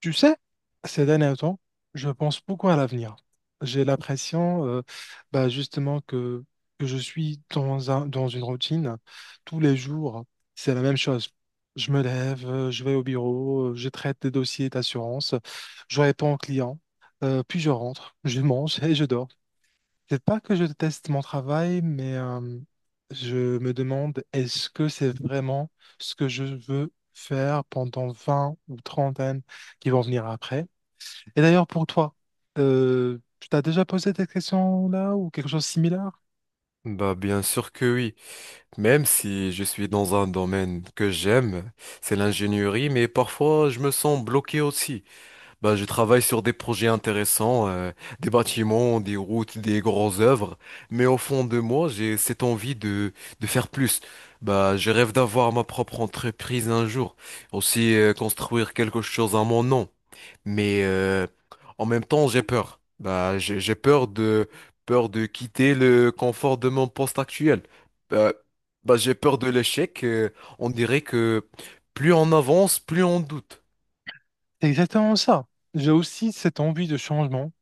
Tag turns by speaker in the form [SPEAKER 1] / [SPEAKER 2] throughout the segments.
[SPEAKER 1] Tu sais, ces derniers temps, je pense beaucoup à l'avenir. J'ai l'impression, bah, justement, que je suis dans dans une routine. Tous les jours, c'est la même chose. Je me lève, je vais au bureau, je traite des dossiers d'assurance, je réponds aux clients, puis je rentre, je mange et je dors. C'est pas que je déteste mon travail, mais je me demande, est-ce que c'est vraiment ce que je veux faire pendant 20 ou 30 années qui vont venir après? Et d'ailleurs, pour toi, tu t'as déjà posé cette question-là ou quelque chose de similaire?
[SPEAKER 2] Bah bien sûr que oui, même si je suis dans un domaine que j'aime, c'est l'ingénierie, mais parfois je me sens bloqué aussi. Bah je travaille sur des projets intéressants, des bâtiments, des routes, des grosses œuvres, mais au fond de moi j'ai cette envie de faire plus. Bah je rêve d'avoir ma propre entreprise un jour, aussi construire quelque chose à mon nom. Mais en même temps, j'ai peur. Bah, j'ai peur de quitter le confort de mon poste actuel. Bah, bah, j'ai peur de l'échec. On dirait que plus on avance, plus on doute.
[SPEAKER 1] C'est exactement ça. J'ai aussi cette envie de changement.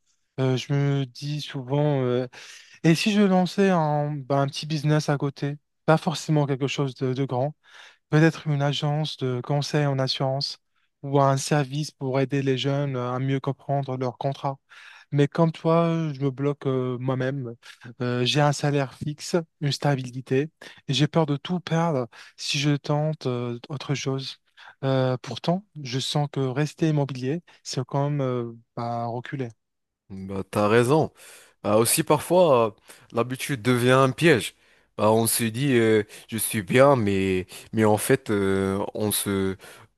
[SPEAKER 1] Je me dis souvent, et si je lançais bah, un petit business à côté, pas forcément quelque chose de grand, peut-être une agence de conseil en assurance ou un service pour aider les jeunes à mieux comprendre leur contrat. Mais comme toi, je me bloque moi-même. J'ai un salaire fixe, une stabilité, et j'ai peur de tout perdre si je tente autre chose. Pourtant, je sens que rester immobilier, c'est comme bah, reculer.
[SPEAKER 2] Bah, t'as raison. Bah, aussi parfois, l'habitude devient un piège. Bah, on se dit, je suis bien, mais en fait, euh, on se,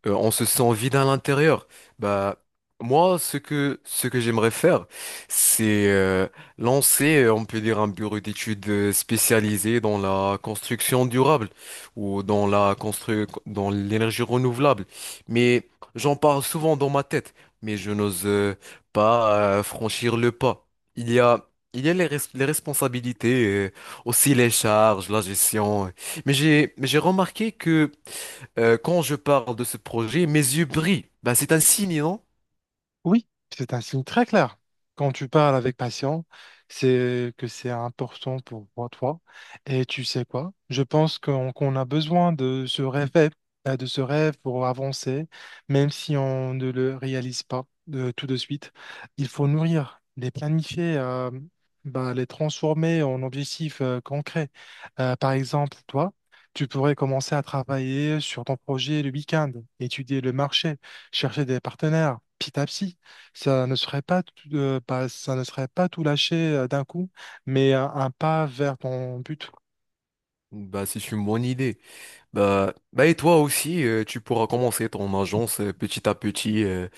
[SPEAKER 2] euh, on se sent vide à l'intérieur. Bah, moi, ce que j'aimerais faire, c'est lancer, on peut dire, un bureau d'études spécialisé dans la construction durable ou dans la constru dans l'énergie renouvelable. Mais j'en parle souvent dans ma tête, mais je n'ose pas franchir le pas. Il y a il y a les, les responsabilités, aussi les charges, la gestion. Mais j'ai remarqué que quand je parle de ce projet, mes yeux brillent. Bah, c'est un signe, non?
[SPEAKER 1] Oui, c'est un signe très clair. Quand tu parles avec passion, c'est que c'est important pour toi. Et tu sais quoi? Je pense qu'on a besoin de ce rêve pour avancer, même si on ne le réalise pas tout de suite. Il faut nourrir, les planifier, bah, les transformer en objectifs concrets. Par exemple, toi, tu pourrais commencer à travailler sur ton projet le week-end, étudier le marché, chercher des partenaires, petit à petit. Ça ne serait pas tout, ça ne serait pas tout lâcher d'un coup, mais un pas vers ton but.
[SPEAKER 2] Bah, c'est une bonne idée. Bah, bah et toi aussi, tu pourras commencer ton agence petit à petit. euh,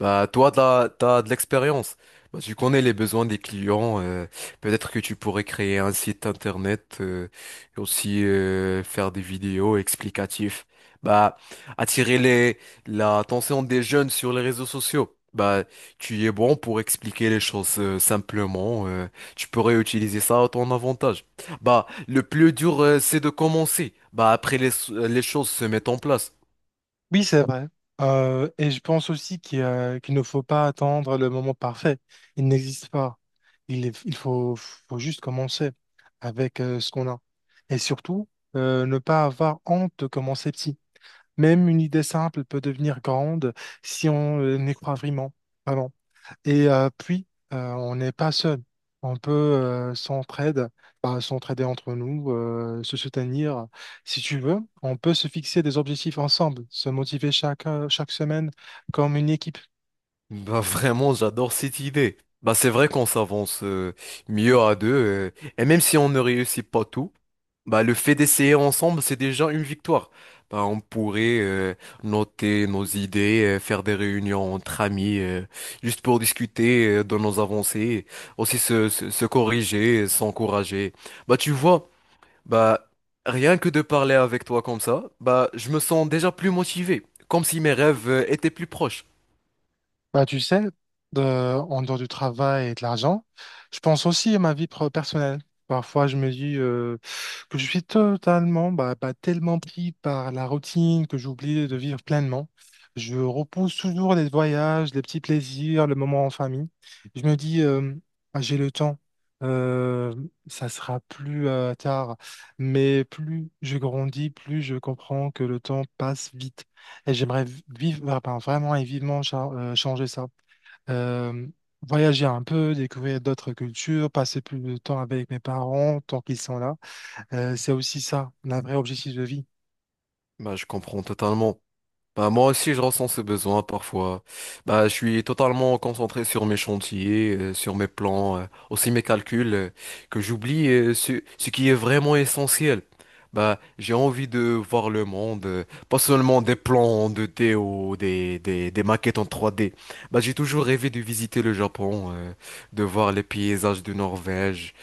[SPEAKER 2] bah toi, t'as de l'expérience. Bah, tu connais les besoins des clients. Peut-être que tu pourrais créer un site internet et aussi faire des vidéos explicatives. Bah, attirer les l'attention des jeunes sur les réseaux sociaux. Bah, tu y es bon pour expliquer les choses simplement. Tu pourrais utiliser ça à ton avantage. Bah, le plus dur, c'est de commencer. Bah, après, les choses se mettent en place.
[SPEAKER 1] Oui, c'est vrai. Et je pense aussi qu'il ne faut pas attendre le moment parfait. Il n'existe pas. Il faut juste commencer avec ce qu'on a. Et surtout, ne pas avoir honte de commencer petit. Même une idée simple peut devenir grande si on y croit vraiment. Vraiment. Et puis, on n'est pas seul. On peut bah, s'entraider entre nous, se soutenir. Si tu veux, on peut se fixer des objectifs ensemble, se motiver chaque semaine comme une équipe.
[SPEAKER 2] Bah, vraiment, j'adore cette idée. Bah, c'est vrai qu'on s'avance mieux à deux. Et même si on ne réussit pas tout, bah, le fait d'essayer ensemble, c'est déjà une victoire. Bah, on pourrait noter nos idées, faire des réunions entre amis, juste pour discuter de nos avancées, aussi se corriger, s'encourager. Bah, tu vois. Bah, rien que de parler avec toi comme ça, bah, je me sens déjà plus motivé, comme si mes rêves étaient plus proches.
[SPEAKER 1] Bah, tu sais, en dehors du travail et de l'argent, je pense aussi à ma vie personnelle. Parfois, je me dis que je suis totalement, tellement pris par la routine que j'oublie de vivre pleinement. Je repousse toujours les voyages, les petits plaisirs, le moment en famille. Je me dis, ah, j'ai le temps, Euh, ça sera plus tard. Mais plus je grandis, plus je comprends que le temps passe vite. Et j'aimerais bah, vraiment et vivement changer ça. Euh, Voyager un peu, découvrir d'autres cultures, passer plus de temps avec mes parents tant qu'ils sont là. C'est aussi ça, un vrai objectif de vie.
[SPEAKER 2] Bah, je comprends totalement. Bah, moi aussi, je ressens ce besoin parfois. Bah, je suis totalement concentré sur mes chantiers, sur mes plans, aussi mes calculs, que j'oublie ce qui est vraiment essentiel. Bah, j'ai envie de voir le monde, pas seulement des plans en 2D ou des maquettes en 3D. Bah, j'ai toujours rêvé de visiter le Japon, de voir les paysages de Norvège,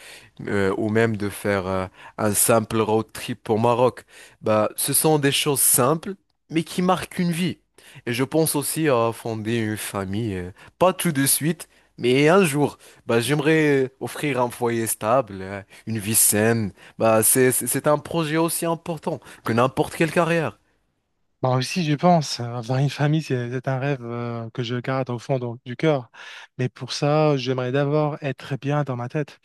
[SPEAKER 2] ou même de faire un simple road trip au Maroc. Bah, ce sont des choses simples mais qui marque une vie. Et je pense aussi à fonder une famille, pas tout de suite, mais un jour. Bah, j'aimerais offrir un foyer stable, une vie saine. Bah, c'est un projet aussi important que n'importe quelle carrière.
[SPEAKER 1] Bah aussi, je pense, avoir une famille, c'est un rêve que je garde au fond donc, du cœur. Mais pour ça, j'aimerais d'abord être bien dans ma tête,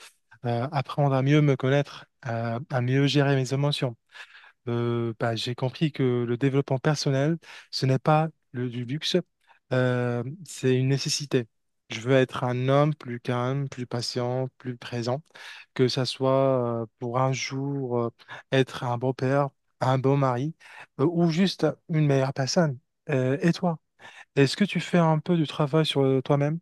[SPEAKER 1] apprendre à mieux me connaître, à mieux gérer mes émotions. Bah, j'ai compris que le développement personnel, ce n'est pas du luxe, c'est une nécessité. Je veux être un homme plus calme, plus patient, plus présent, que ça soit pour un jour être un beau père, un bon mari, ou juste une meilleure personne. Et toi? Est-ce que tu fais un peu du travail sur toi-même?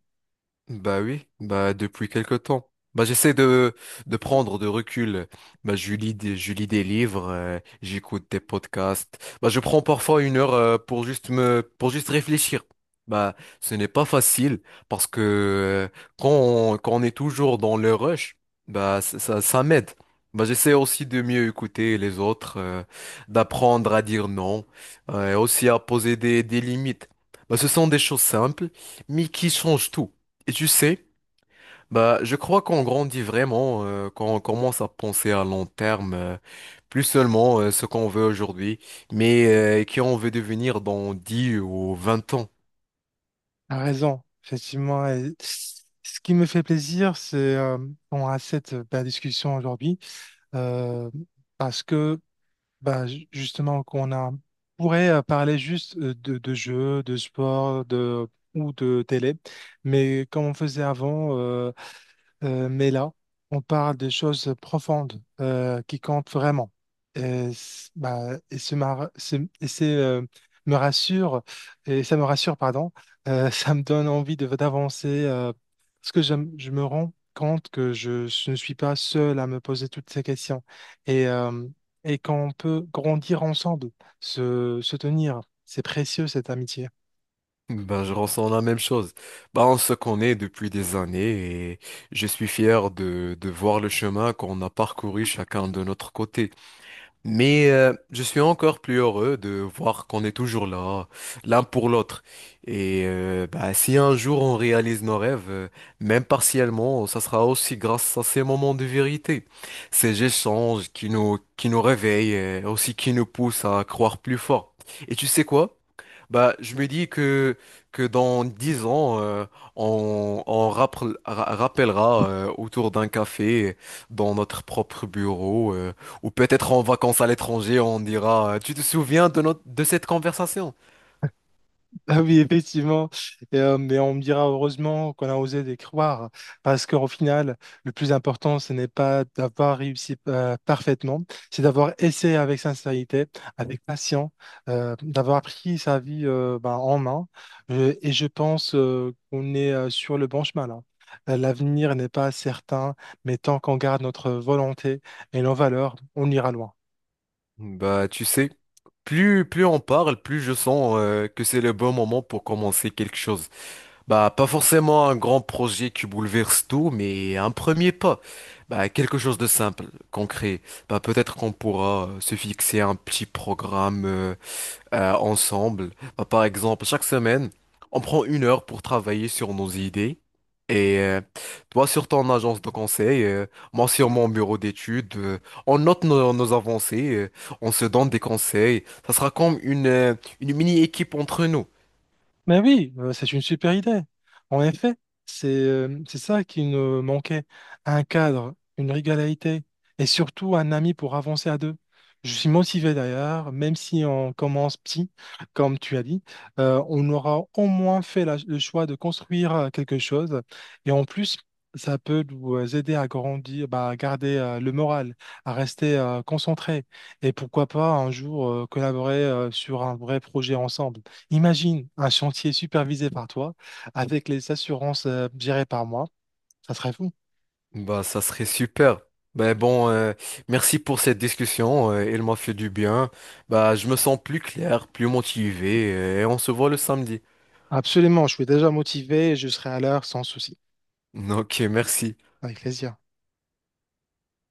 [SPEAKER 2] Bah oui, bah depuis quelque temps. Bah j'essaie de prendre de recul. Bah je lis des livres, j'écoute des podcasts. Bah je prends parfois 1 heure pour juste réfléchir. Bah ce n'est pas facile parce que quand on est toujours dans le rush, bah ça m'aide. Bah j'essaie aussi de mieux écouter les autres, d'apprendre à dire non, et aussi à poser des limites. Bah ce sont des choses simples, mais qui changent tout. Et tu sais, bah, je crois qu'on grandit vraiment quand on commence à penser à long terme, plus seulement ce qu'on veut aujourd'hui, mais qui on veut devenir dans 10 ou 20 ans.
[SPEAKER 1] T'as raison, effectivement. Et ce qui me fait plaisir, c'est qu'on a cette belle discussion aujourd'hui, euh, parce que bah, justement, on pourrait parler juste de jeux, de sport, ou de télé, mais comme on faisait avant, mais là, on parle de choses profondes qui comptent vraiment. Et, c- bah, et, ce mar- ce- et c'est, me rassure, et ça me rassure, pardon, ça me donne envie d'avancer parce que je me rends compte que je ne suis pas seul à me poser toutes ces questions et, euh, et qu'on peut grandir ensemble, se tenir. C'est précieux cette amitié.
[SPEAKER 2] Ben, je ressens la même chose. Ben, on se connaît depuis des années et je suis fier de voir le chemin qu'on a parcouru chacun de notre côté. Mais je suis encore plus heureux de voir qu'on est toujours là, l'un pour l'autre. Et bah, si un jour on réalise nos rêves, même partiellement, ça sera aussi grâce à ces moments de vérité, ces échanges qui nous réveillent, et aussi qui nous poussent à croire plus fort. Et tu sais quoi? Bah, je me dis que dans 10 ans, on rappellera autour d'un café, dans notre propre bureau, ou peut-être en vacances à l'étranger, on dira, Tu te souviens de notre, de cette conversation?
[SPEAKER 1] Ah oui, effectivement. Mais on me dira heureusement qu'on a osé les croire, parce qu'au final, le plus important, ce n'est pas d'avoir réussi parfaitement, c'est d'avoir essayé avec sincérité, avec patience, d'avoir pris sa vie ben, en main. Et je pense qu'on est sur le bon chemin là. L'avenir n'est pas certain, mais tant qu'on garde notre volonté et nos valeurs, on ira loin.
[SPEAKER 2] Bah, tu sais, plus on parle, plus je sens que c'est le bon moment pour commencer quelque chose. Bah, pas forcément un grand projet qui bouleverse tout, mais un premier pas. Bah, quelque chose de simple, concret. Bah, peut-être qu'on pourra se fixer un petit programme ensemble. Bah, par exemple, chaque semaine, on prend 1 heure pour travailler sur nos idées. Et toi sur ton agence de conseil, moi sur mon bureau d'études, on note nos avancées, on se donne des conseils. Ça sera comme une mini-équipe entre nous.
[SPEAKER 1] Mais oui, c'est une super idée. En effet, c'est ça qui nous manquait. Un cadre, une régularité et surtout un ami pour avancer à deux. Je suis motivé d'ailleurs, même si on commence petit, comme tu as dit, on aura au moins fait le choix de construire quelque chose. Et en plus, ça peut nous aider à grandir, bah, à garder le moral, à rester concentré. Et pourquoi pas un jour collaborer sur un vrai projet ensemble. Imagine un chantier supervisé par toi, avec les assurances gérées par moi. Ça serait fou.
[SPEAKER 2] Bah, ça serait super. Ben bon, merci pour cette discussion. Elle m'a fait du bien. Bah, je me sens plus clair, plus motivé, et on se voit le samedi.
[SPEAKER 1] Absolument, je suis déjà motivé et je serai à l'heure sans souci.
[SPEAKER 2] Ok, merci.
[SPEAKER 1] Avec plaisir.